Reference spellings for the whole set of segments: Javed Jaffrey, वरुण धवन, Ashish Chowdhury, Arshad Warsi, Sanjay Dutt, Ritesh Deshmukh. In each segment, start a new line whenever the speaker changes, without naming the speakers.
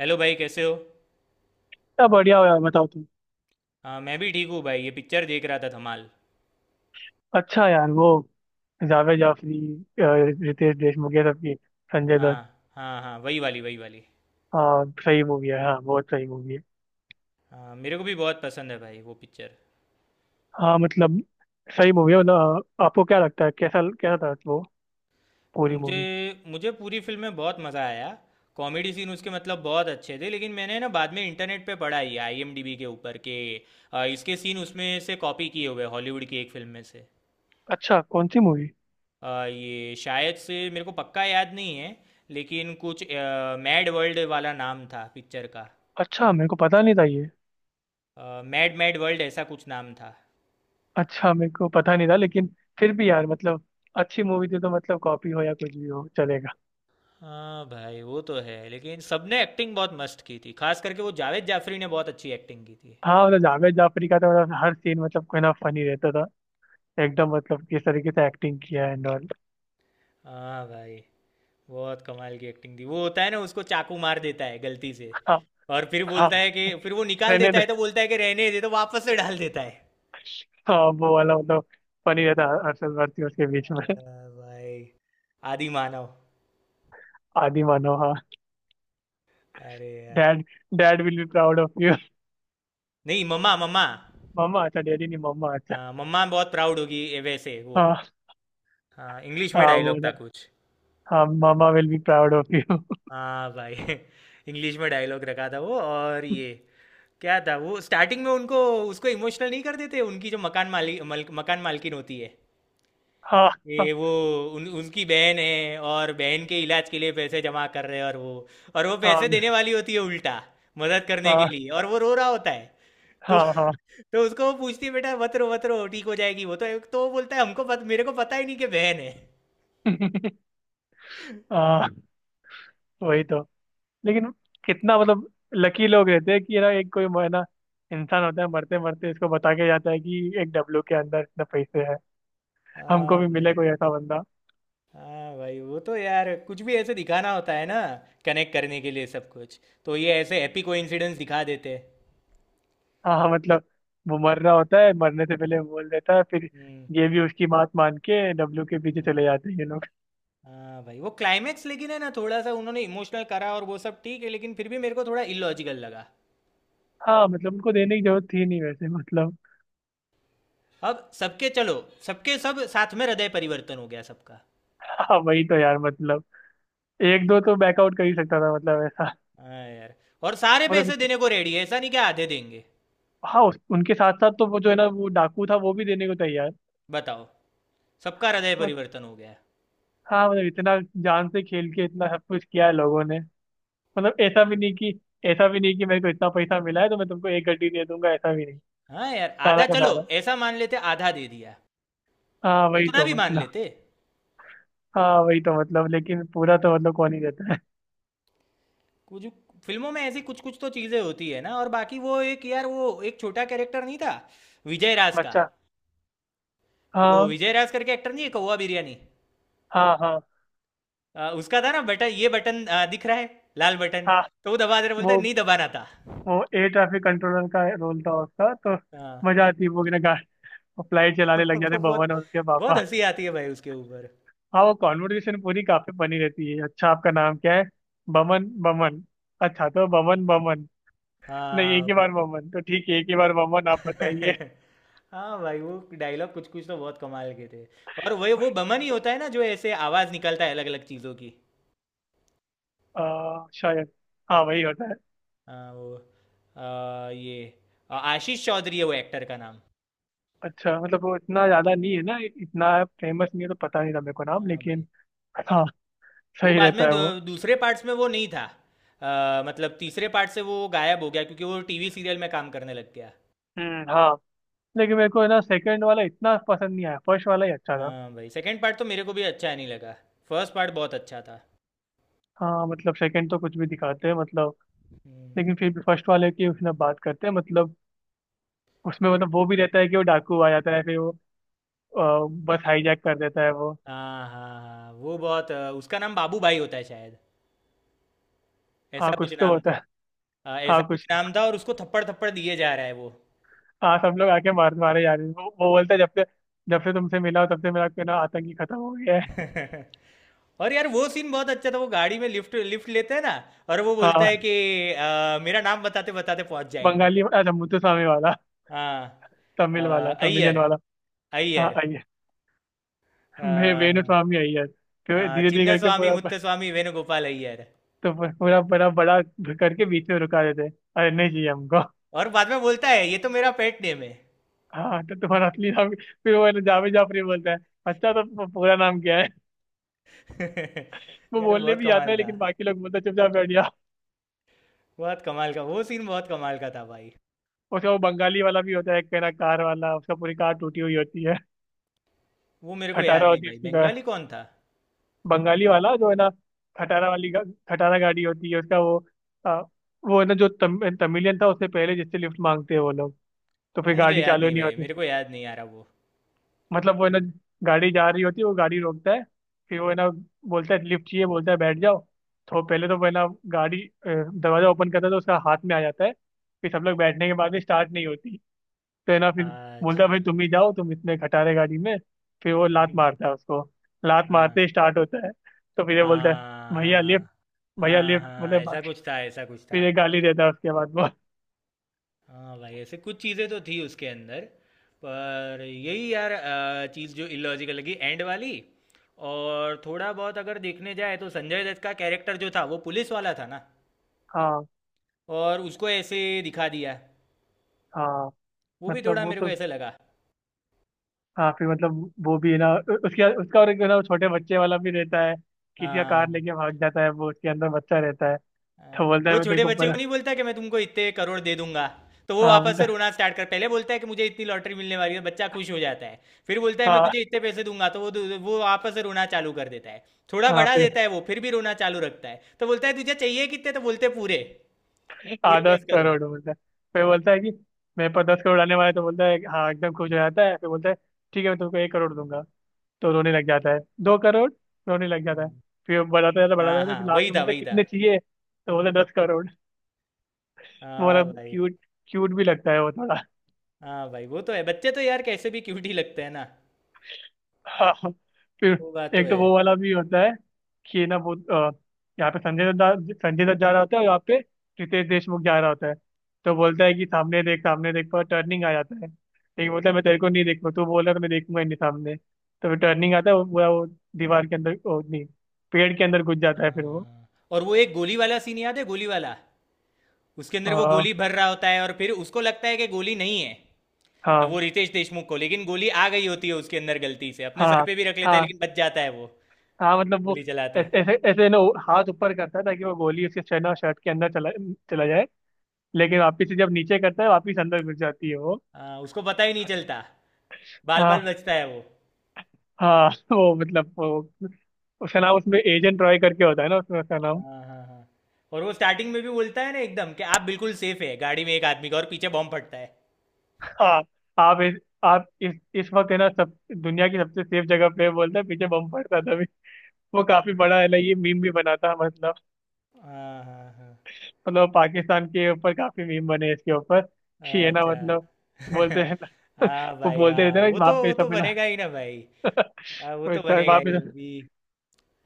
Hello भाई कैसे हो?
क्या बढ़िया हो यार। बताओ तुम।
हाँ, मैं भी ठीक हूँ भाई। ये पिक्चर देख रहा था, धमाल।
अच्छा यार, वो जावेद जाफरी, अ, रितेश देशमुख, ये सबकी, संजय दत्त।
हाँ, हाँ, हाँ, वही वाली, वही वाली।
हाँ सही मूवी है। हाँ बहुत सही मूवी है।
हाँ, मेरे को भी बहुत पसंद है भाई वो पिक्चर।
हाँ मतलब, सही मूवी है। मतलब आपको क्या लगता है, कैसा कैसा था वो, पूरी
मुझे
मूवी।
मुझे पूरी फिल्म में बहुत मज़ा आया। कॉमेडी सीन उसके मतलब बहुत अच्छे थे, लेकिन मैंने ना बाद में इंटरनेट पे पढ़ा ये आईएमडीबी के ऊपर के, इसके सीन उसमें से कॉपी किए हुए हैं, हॉलीवुड की एक फिल्म में से।
अच्छा कौन सी मूवी।
ये शायद से मेरे को पक्का याद नहीं है, लेकिन कुछ मैड वर्ल्ड वाला नाम था पिक्चर का।
अच्छा, मेरे को पता नहीं था ये।
मैड मैड वर्ल्ड, ऐसा कुछ नाम था।
अच्छा मेरे को पता नहीं था, लेकिन फिर भी यार मतलब, अच्छी मूवी थी तो मतलब, कॉपी हो या कुछ भी हो चलेगा।
हाँ भाई, वो तो है लेकिन सबने एक्टिंग बहुत मस्त की थी, खास करके वो जावेद जाफरी ने बहुत अच्छी एक्टिंग की थी।
हाँ मतलब, जावेद जाफरी का तो मतलब, हर सीन मतलब कोई ना फनी रहता था। एकदम मतलब, किस तरीके से एक्टिंग किया है एंड ऑल।
हाँ भाई। बहुत कमाल की एक्टिंग थी। वो होता है ना, उसको चाकू मार देता है गलती से।
हाँ
और फिर
हाँ।
बोलता है कि, फिर वो निकाल
मैंने
देता
तो,
है तो बोलता है कि रहने दे, तो वापस से डाल देता है।
हाँ वो वाला मतलब, फनी रहता है, अरशद वारसी उसके बीच में।
हाँ भाई। आदि मानव।
आदि मानो, हाँ।
अरे यार।
Dad, dad will be proud of you.
नहीं, मम्मा, मम्मा।
मम्मा, अच्छा डैडी नहीं मम्मा, अच्छा।
हाँ, मम्मा बहुत प्राउड होगी ये वैसे वो।
हाँ
हाँ, इंग्लिश में
हाँ, वो
डायलॉग
वाला।
था कुछ।
हाँ, mamma will be proud of you.
हाँ भाई इंग्लिश में डायलॉग रखा था वो, और ये क्या था वो स्टार्टिंग में उनको, उसको इमोशनल नहीं कर देते उनकी जो मकान मालिक मकान मालकिन होती है।
हाँ हाँ
ये वो उनकी बहन है, और बहन के इलाज के लिए पैसे जमा कर रहे हैं, और वो पैसे
हाँ
देने वाली होती है उल्टा, मदद करने के
हाँ
लिए, और वो रो रहा होता है। तो
हाँ हाँ
तो उसको वो पूछती है, बेटा मत रो मत रो ठीक हो जाएगी वो, तो वो बोलता है मेरे को पता ही नहीं कि बहन है।
हाँ, वही तो। लेकिन कितना मतलब, लकी लोग रहते हैं कि ना, एक कोई है ना इंसान होता है, मरते मरते इसको बता के जाता है कि एक डब्लू के अंदर इतने पैसे हैं। हमको
हाँ
भी मिले
भाई।
कोई ऐसा बंदा।
हाँ भाई, वो तो यार कुछ भी ऐसे दिखाना होता है ना, कनेक्ट करने के लिए सब कुछ। तो ये ऐसे हैप्पी कोइंसिडेंस दिखा देते।
हाँ मतलब, वो मर रहा होता है, मरने से पहले बोल देता है, फिर
हम्म।
ये भी उसकी बात मान के डब्लू के पीछे चले
हम्म।
जाते हैं ये लोग।
हाँ भाई, वो क्लाइमैक्स लेकिन है ना, थोड़ा सा उन्होंने इमोशनल करा और वो सब ठीक है, लेकिन फिर भी मेरे को थोड़ा इलॉजिकल लगा।
हाँ मतलब, उनको देने की जरूरत थी नहीं वैसे मतलब।
अब सबके चलो, सबके सब साथ में हृदय परिवर्तन हो गया सबका।
हाँ वही तो यार मतलब, एक दो तो बैकआउट कर ही सकता था मतलब ऐसा।
हाँ यार। और सारे
मतलब
पैसे
इत-
देने को रेडी है, ऐसा नहीं कि आधे देंगे।
हाँ उनके साथ साथ तो, वो जो है ना, वो डाकू था, वो भी देने को तैयार।
बताओ, सबका हृदय
बस।
परिवर्तन हो गया।
हाँ मतलब इतना, जान से खेल के इतना सब कुछ किया है लोगों ने, मतलब ऐसा भी नहीं कि मेरे को इतना पैसा मिला है तो मैं तुमको एक गड्डी दे दूंगा, ऐसा भी नहीं।
हाँ यार,
सारा
आधा
का
चलो।
सारा।
ऐसा मान लेते आधा दे दिया।
हाँ वही
उतना
तो
भी मान
मतलब।
लेते।
हाँ वही तो मतलब, लेकिन पूरा तो मतलब कौन ही देता है।
कुछ फिल्मों में ऐसी कुछ कुछ तो चीजें होती है ना। और बाकी वो एक यार वो एक छोटा कैरेक्टर नहीं था, विजय राज का।
बच्चा।
वो
हाँ
विजय राज करके एक्टर नहीं है, कौवा बिरयानी।
हाँ। हाँ
उसका था ना बटन, ये बटन दिख रहा है, लाल बटन।
हाँ
तो वो दबा दे रहा, बोलता है
वो
नहीं दबाना था।
वो एयर ट्रैफिक कंट्रोलर का रोल था उसका तो।
हाँ
मजा आती है। वो ना, गाड़ी फ्लाइट चलाने लग
वो
जाते
बहुत,
बमन और उसके
बहुत
पापा।
हंसी आती है भाई उसके ऊपर।
हाँ, वो कॉन्वर्सेशन पूरी काफी बनी रहती है। अच्छा आपका नाम क्या है? बमन बमन। अच्छा तो बमन बमन? नहीं एक
हाँ
ही बार बमन। तो ठीक है, एक ही बार बमन, आप बताइए।
हाँ भाई, वो डायलॉग कुछ कुछ तो बहुत कमाल के थे। और वही वो बमन ही होता है ना, जो ऐसे आवाज निकलता है अलग अलग चीजों की।
शायद। हाँ वही होता है।
हाँ वो ये आशीष चौधरी है वो एक्टर का नाम।
अच्छा मतलब, वो इतना ज्यादा नहीं है ना, इतना फेमस नहीं है तो पता नहीं था मेरे को नाम,
हाँ भाई,
लेकिन। हाँ,
वो
सही
बाद
रहता
में
है वो।
दूसरे पार्ट्स में वो नहीं था। मतलब तीसरे पार्ट से वो गायब हो गया क्योंकि वो टीवी सीरियल में काम करने लग गया।
हम्म, हाँ लेकिन मेरे को है ना, सेकंड वाला इतना पसंद नहीं आया, फर्स्ट वाला ही अच्छा था।
हाँ भाई, सेकंड पार्ट तो मेरे को भी अच्छा नहीं लगा। फर्स्ट पार्ट बहुत अच्छा था।
हाँ मतलब, सेकंड तो कुछ भी दिखाते हैं मतलब।
हम्म।
लेकिन फिर भी फर्स्ट वाले की उसने बात करते हैं मतलब, उसमें मतलब, वो भी रहता है कि वो डाकू आ जाता है, फिर वो बस हाईजैक कर देता है वो।
हाँ, हाँ, हाँ, वो बहुत उसका नाम बाबू भाई होता है शायद।
हाँ
ऐसा कुछ
कुछ तो
नाम
होता
था।
है।
ऐसा
हाँ
कुछ
कुछ तो।
नाम था, और उसको थप्पड़ थप्पड़ दिए जा रहा है वो।
हाँ सब लोग आके मार मारे जा रहे हैं, वो बोलता है, जब से तुमसे मिला हो, तब से मेरा ना आतंकी खत्म हो गया है।
और यार वो सीन बहुत अच्छा था, वो गाड़ी में लिफ्ट लिफ्ट लेते हैं ना, और वो बोलता है
हाँ
कि मेरा नाम बताते बताते पहुंच जाएंगे।
बंगाली, अच्छा मुत्तुस्वामी वाला,
हाँ, अ,
तमिल वाला, तमिलियन
अय्यर,
वाला। हाँ,
अय्यर। अ,
मैं वेणुस्वामी अय्यर, तो
हाँ,
धीरे धीरे
चिन्न
करके
स्वामी
पूरा।
मुत्तस्वामी वेणुगोपाल अय्यर।
तो पूरा बड़ा बड़ा करके बीच में रुका देते हैं, अरे नहीं चाहिए हमको।
और बाद में बोलता है ये तो मेरा पेट नेम है।
हाँ तो तुम्हारा असली नाम फिर वो है ना, जावेद जाफरी बोलता है, अच्छा तो पूरा नाम क्या है? वो
यार
बोलने
बहुत
भी आता
कमाल
है,
था।
लेकिन बाकी लोग बोलते हैं, चुपचाप बैठ जा।
बहुत कमाल का वो सीन, बहुत कमाल का था भाई।
उसका वो बंगाली वाला भी होता है, एक है ना कार वाला, उसका पूरी कार टूटी हुई होती है,
वो मेरे को याद
खटारा
नहीं
होती है
भाई,
उसकी कार।
बंगाली कौन था।
बंगाली वाला जो है ना, खटारा वाली गा, खटारा गाड़ी होती है उसका वो। आ, वो है ना, जो तमिलियन था, उससे पहले जिससे लिफ्ट मांगते हैं वो लोग। तो
वो
फिर
मुझे
गाड़ी
याद
चालू
नहीं
नहीं
भाई,
होती।
मेरे को याद नहीं आ रहा वो।
मतलब वो है ना, गाड़ी जा रही होती है, वो गाड़ी रोकता है, फिर वो है ना, बोलता है लिफ्ट चाहिए, बोलता है बैठ जाओ। तो पहले तो वो है ना, गाड़ी दरवाजा ओपन करता है तो उसका हाथ में आ जाता है। फिर सब लोग बैठने के बाद भी स्टार्ट नहीं होती, तो है ना फिर बोलता है,
अच्छा
भाई तुम ही जाओ, तुम इतने खटा रहे गाड़ी में। फिर वो लात मारता है उसको, लात मारते
हाँ,
ही स्टार्ट होता है। तो फिर ये बोलता है,
हाँ,
भैया लिफ्ट,
हाँ,
भैया
हाँ,
लिफ्ट
हाँ,
मतलब
ऐसा
बाकी।
कुछ था, ऐसा कुछ
फिर
था।
ये गाली देता है उसके बाद वो।
हाँ भाई, ऐसे कुछ चीज़ें तो थी उसके अंदर। पर यही यार चीज़ जो इलॉजिकल लगी एंड वाली। और थोड़ा बहुत अगर देखने जाए तो संजय दत्त का कैरेक्टर जो था वो पुलिस वाला था ना,
हाँ
और उसको ऐसे दिखा दिया।
हाँ
वो भी
मतलब,
थोड़ा
वो
मेरे को
तो।
ऐसे लगा।
हाँ फिर मतलब, वो भी है ना, उ- उसके उसका और एक है ना, वो छोटे बच्चे वाला भी रहता है, किसी का
हाँ,
कार लेके भाग जाता है, वो उसके अंदर बच्चा रहता है।
हाँ,
तो बोलता है
वो
मैं तेरे
छोटे
को
बच्चे
बना।
को नहीं बोलता कि मैं तुमको इतने करोड़ दे दूंगा। तो वो
हाँ,
वापस
बोलता
से
है
रोना स्टार्ट कर, पहले बोलता है कि मुझे इतनी लॉटरी मिलने वाली है, बच्चा खुश हो जाता है। फिर बोलता है मैं
हाँ
तुझे इतने पैसे दूंगा, तो वो वो वापस से रोना चालू कर देता है। थोड़ा
हाँ।
बढ़ा
फिर।
देता है, वो फिर भी रोना चालू रखता है, तो बोलता है तुझे चाहिए कितने? तो बोलते हैं पूरे,
हाँ
पूरे दस
दस
करोड़
करोड़ बोलता है। फिर बोलता है कि मेरे पास 10 करोड़ आने वाला है, तो बोलता है हाँ, एकदम खुश हो जाता है। फिर बोलता है ठीक है, मैं तुमको 1 करोड़ दूंगा, तो रोने लग जाता है। 2 करोड़, रोने लग जाता है।
हाँ,
फिर बढ़ाता जाता है, बढ़ाता
हाँ,
जाता है। फिर
हाँ,
लास्ट
वही
में
था,
बोलता है,
वही था।
कितने चाहिए? तो बोलता है 10 करोड़। वो
हाँ
मतलब
भाई।
क्यूट, क्यूट भी लगता है वो थोड़ा।
हाँ भाई, वो तो है, बच्चे तो यार कैसे भी क्यूट ही लगते हैं ना।
हाँ हाँ। फिर
वो बात तो
एक तो
है।
वो वाला भी होता है कि ना, वो यहाँ पे संजय दत्त, संजय दत्त जा रहा होता है और यहाँ पे रितेश देशमुख जा रहा होता है। तो बोलता है कि सामने देख, सामने देख, पर टर्निंग आ जाता है। लेकिन बोलता है, मैं तेरे को नहीं देखूँ, तू बोल रहा है तो मैं देखूंगा ही नहीं सामने। तो फिर टर्निंग आता है, वो पूरा वो दीवार के अंदर, वो नहीं पेड़ के अंदर घुस जाता है फिर वो।
हाँ, और वो एक गोली वाला सीन याद है, गोली वाला। उसके अंदर वो
अ,
गोली भर रहा होता है, और फिर उसको लगता है कि गोली नहीं है। वो
हाँ
रितेश देशमुख को, लेकिन गोली आ गई होती है उसके अंदर गलती से, अपने सर
हाँ
पे भी रख लेता है
हाँ
लेकिन बच जाता है वो,
हाँ मतलब वो,
गोली चलाते।
ऐसे ऐसे ऐसे ना, वो हाथ ऊपर करता है, ताकि वो गोली उसके शर्ट और शर्ट के अंदर चला चला जाए। लेकिन वापिस से जब नीचे करता है, वापिस अंदर घुस जाती है वो।
हाँ, उसको पता ही नहीं चलता। बाल बाल
हाँ
बचता है वो।
हाँ। वो मतलब वो, उसका नाम उसमें एजेंट रॉय करके होता है ना उसमें, उसका नाम।
हाँ, हाँ, हाँ, और वो स्टार्टिंग में भी बोलता है ना एकदम कि आप बिल्कुल सेफ है गाड़ी में एक आदमी का, और पीछे बॉम्ब फटता है।
हाँ, आप इस आप इस वक्त है ना, सब दुनिया की सबसे सेफ जगह पे बोलता है, पीछे बम पड़ता था अभी। वो काफी बड़ा है ना, ये मीम भी बनाता है मतलब
हाँ, हाँ,
मतलब पाकिस्तान के ऊपर काफी मीम बने हैं इसके ऊपर। कि
हाँ,
है ना
अच्छा
मतलब, बोलते हैं ना
हाँ
वो
भाई,
बोलते
हाँ
रहते हैं ना वहाँ पे
वो तो
सब है ना।
बनेगा ही ना भाई। हाँ, वो तो बनेगा
वहाँ
ही
पे
अभी।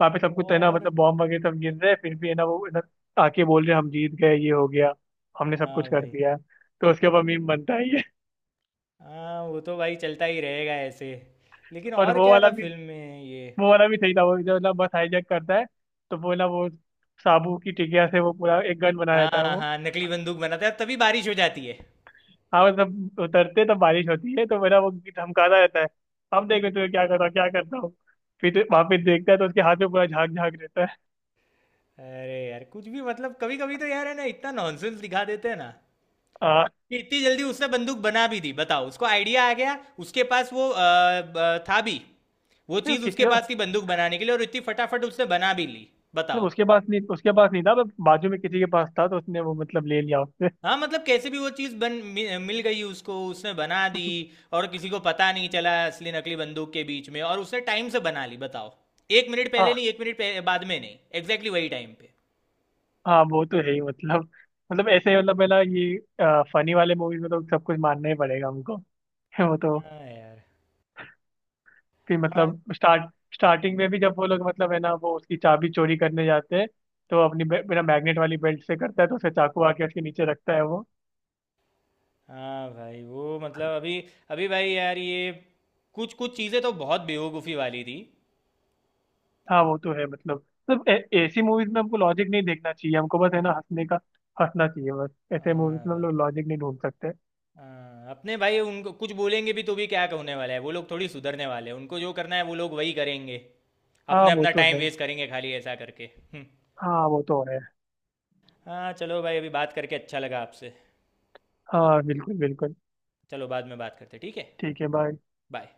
वहाँ पे सब कुछ तो है ना,
और
मतलब बॉम्ब वगैरह सब गिर रहे हैं, फिर भी है ना, वो है ना, आके बोल रहे हैं, हम जीत गए, ये हो गया, हमने सब कुछ
हाँ
कर
भाई,
दिया है। तो उसके ऊपर मीम बनता है ये।
हाँ वो तो भाई चलता ही रहेगा ऐसे। लेकिन
और
और
वो
क्या
वाला
था
भी
फिल्म में ये?
वो वाला भी सही था, वो जो ना बस हाईजैक करता है, तो वो ना, वो साबू की टिकिया से वो पूरा एक गन बना रहता है
हाँ,
वो।
हाँ, नकली बंदूक बनाता है तभी बारिश हो जाती है।
हाँ मतलब, उतरते तो बारिश होती है, तो मेरा वो धमकाता रहता है, अब देखो तुम्हें क्या करता हूँ, क्या करता हूँ। फिर वहां पे देखता है, तो उसके हाथ में पूरा झाग झाग रहता है।
अरे यार कुछ भी मतलब, कभी कभी तो यार है ना इतना नॉनसेंस दिखा देते हैं ना,
आ,
कि इतनी जल्दी उसने बंदूक बना भी दी, बताओ उसको आइडिया आ गया। उसके पास वो था भी, वो
तो
चीज़
किसी
उसके
को
पास थी बंदूक बनाने के लिए, और इतनी फटाफट उसने बना भी ली,
मतलब,
बताओ।
उसके पास नहीं था, पर बाजू में किसी के पास था, तो उसने वो मतलब ले लिया उससे।
हाँ, मतलब कैसे भी वो चीज़ बन मि मिल गई उसको, उसने बना दी। और किसी को पता नहीं चला असली नकली बंदूक के बीच में, और उसने टाइम से बना ली बताओ। 1 मिनट पहले
हाँ
नहीं, 1 मिनट पह बाद में नहीं, एग्ज़ैक्टली वही टाइम पे।
हाँ, वो तो है ही मतलब ऐसे ही, मतलब पहला ये फनी वाले मूवीज में तो सब कुछ मानना ही पड़ेगा हमको। वो तो,
हाँ यार।
फिर
हाँ,
मतलब स्टार्टिंग में भी, जब वो लोग मतलब है ना, वो उसकी चाबी चोरी करने जाते हैं तो अपनी बिना मैग्नेट वाली बेल्ट से करता है, तो उसे चाकू आके उसके नीचे रखता है वो।
हाँ भाई, वो मतलब अभी, अभी भाई यार ये कुछ-कुछ चीज़ें तो बहुत बेवकूफ़ी वाली थी।
हाँ वो तो है मतलब ऐसी मूवीज में हमको लॉजिक नहीं देखना चाहिए, हमको बस है ना हंसने का। हंसना चाहिए बस, ऐसे मूवीज
हाँ
में हम
भाई,
लोग लॉजिक नहीं ढूंढ सकते।
हाँ अपने भाई उनको कुछ बोलेंगे भी तो भी क्या होने वाला है, वो लोग थोड़ी सुधरने वाले हैं, उनको जो करना है वो लोग वही करेंगे।
हाँ वो
अपना-अपना
तो
टाइम
है।
वेस्ट करेंगे खाली ऐसा करके। हम्म।
हाँ वो तो है।
हाँ चलो भाई, अभी बात करके अच्छा लगा आपसे।
हाँ बिल्कुल बिल्कुल,
चलो बाद में बात करते हैं, ठीक है,
ठीक है। बाय।
बाय।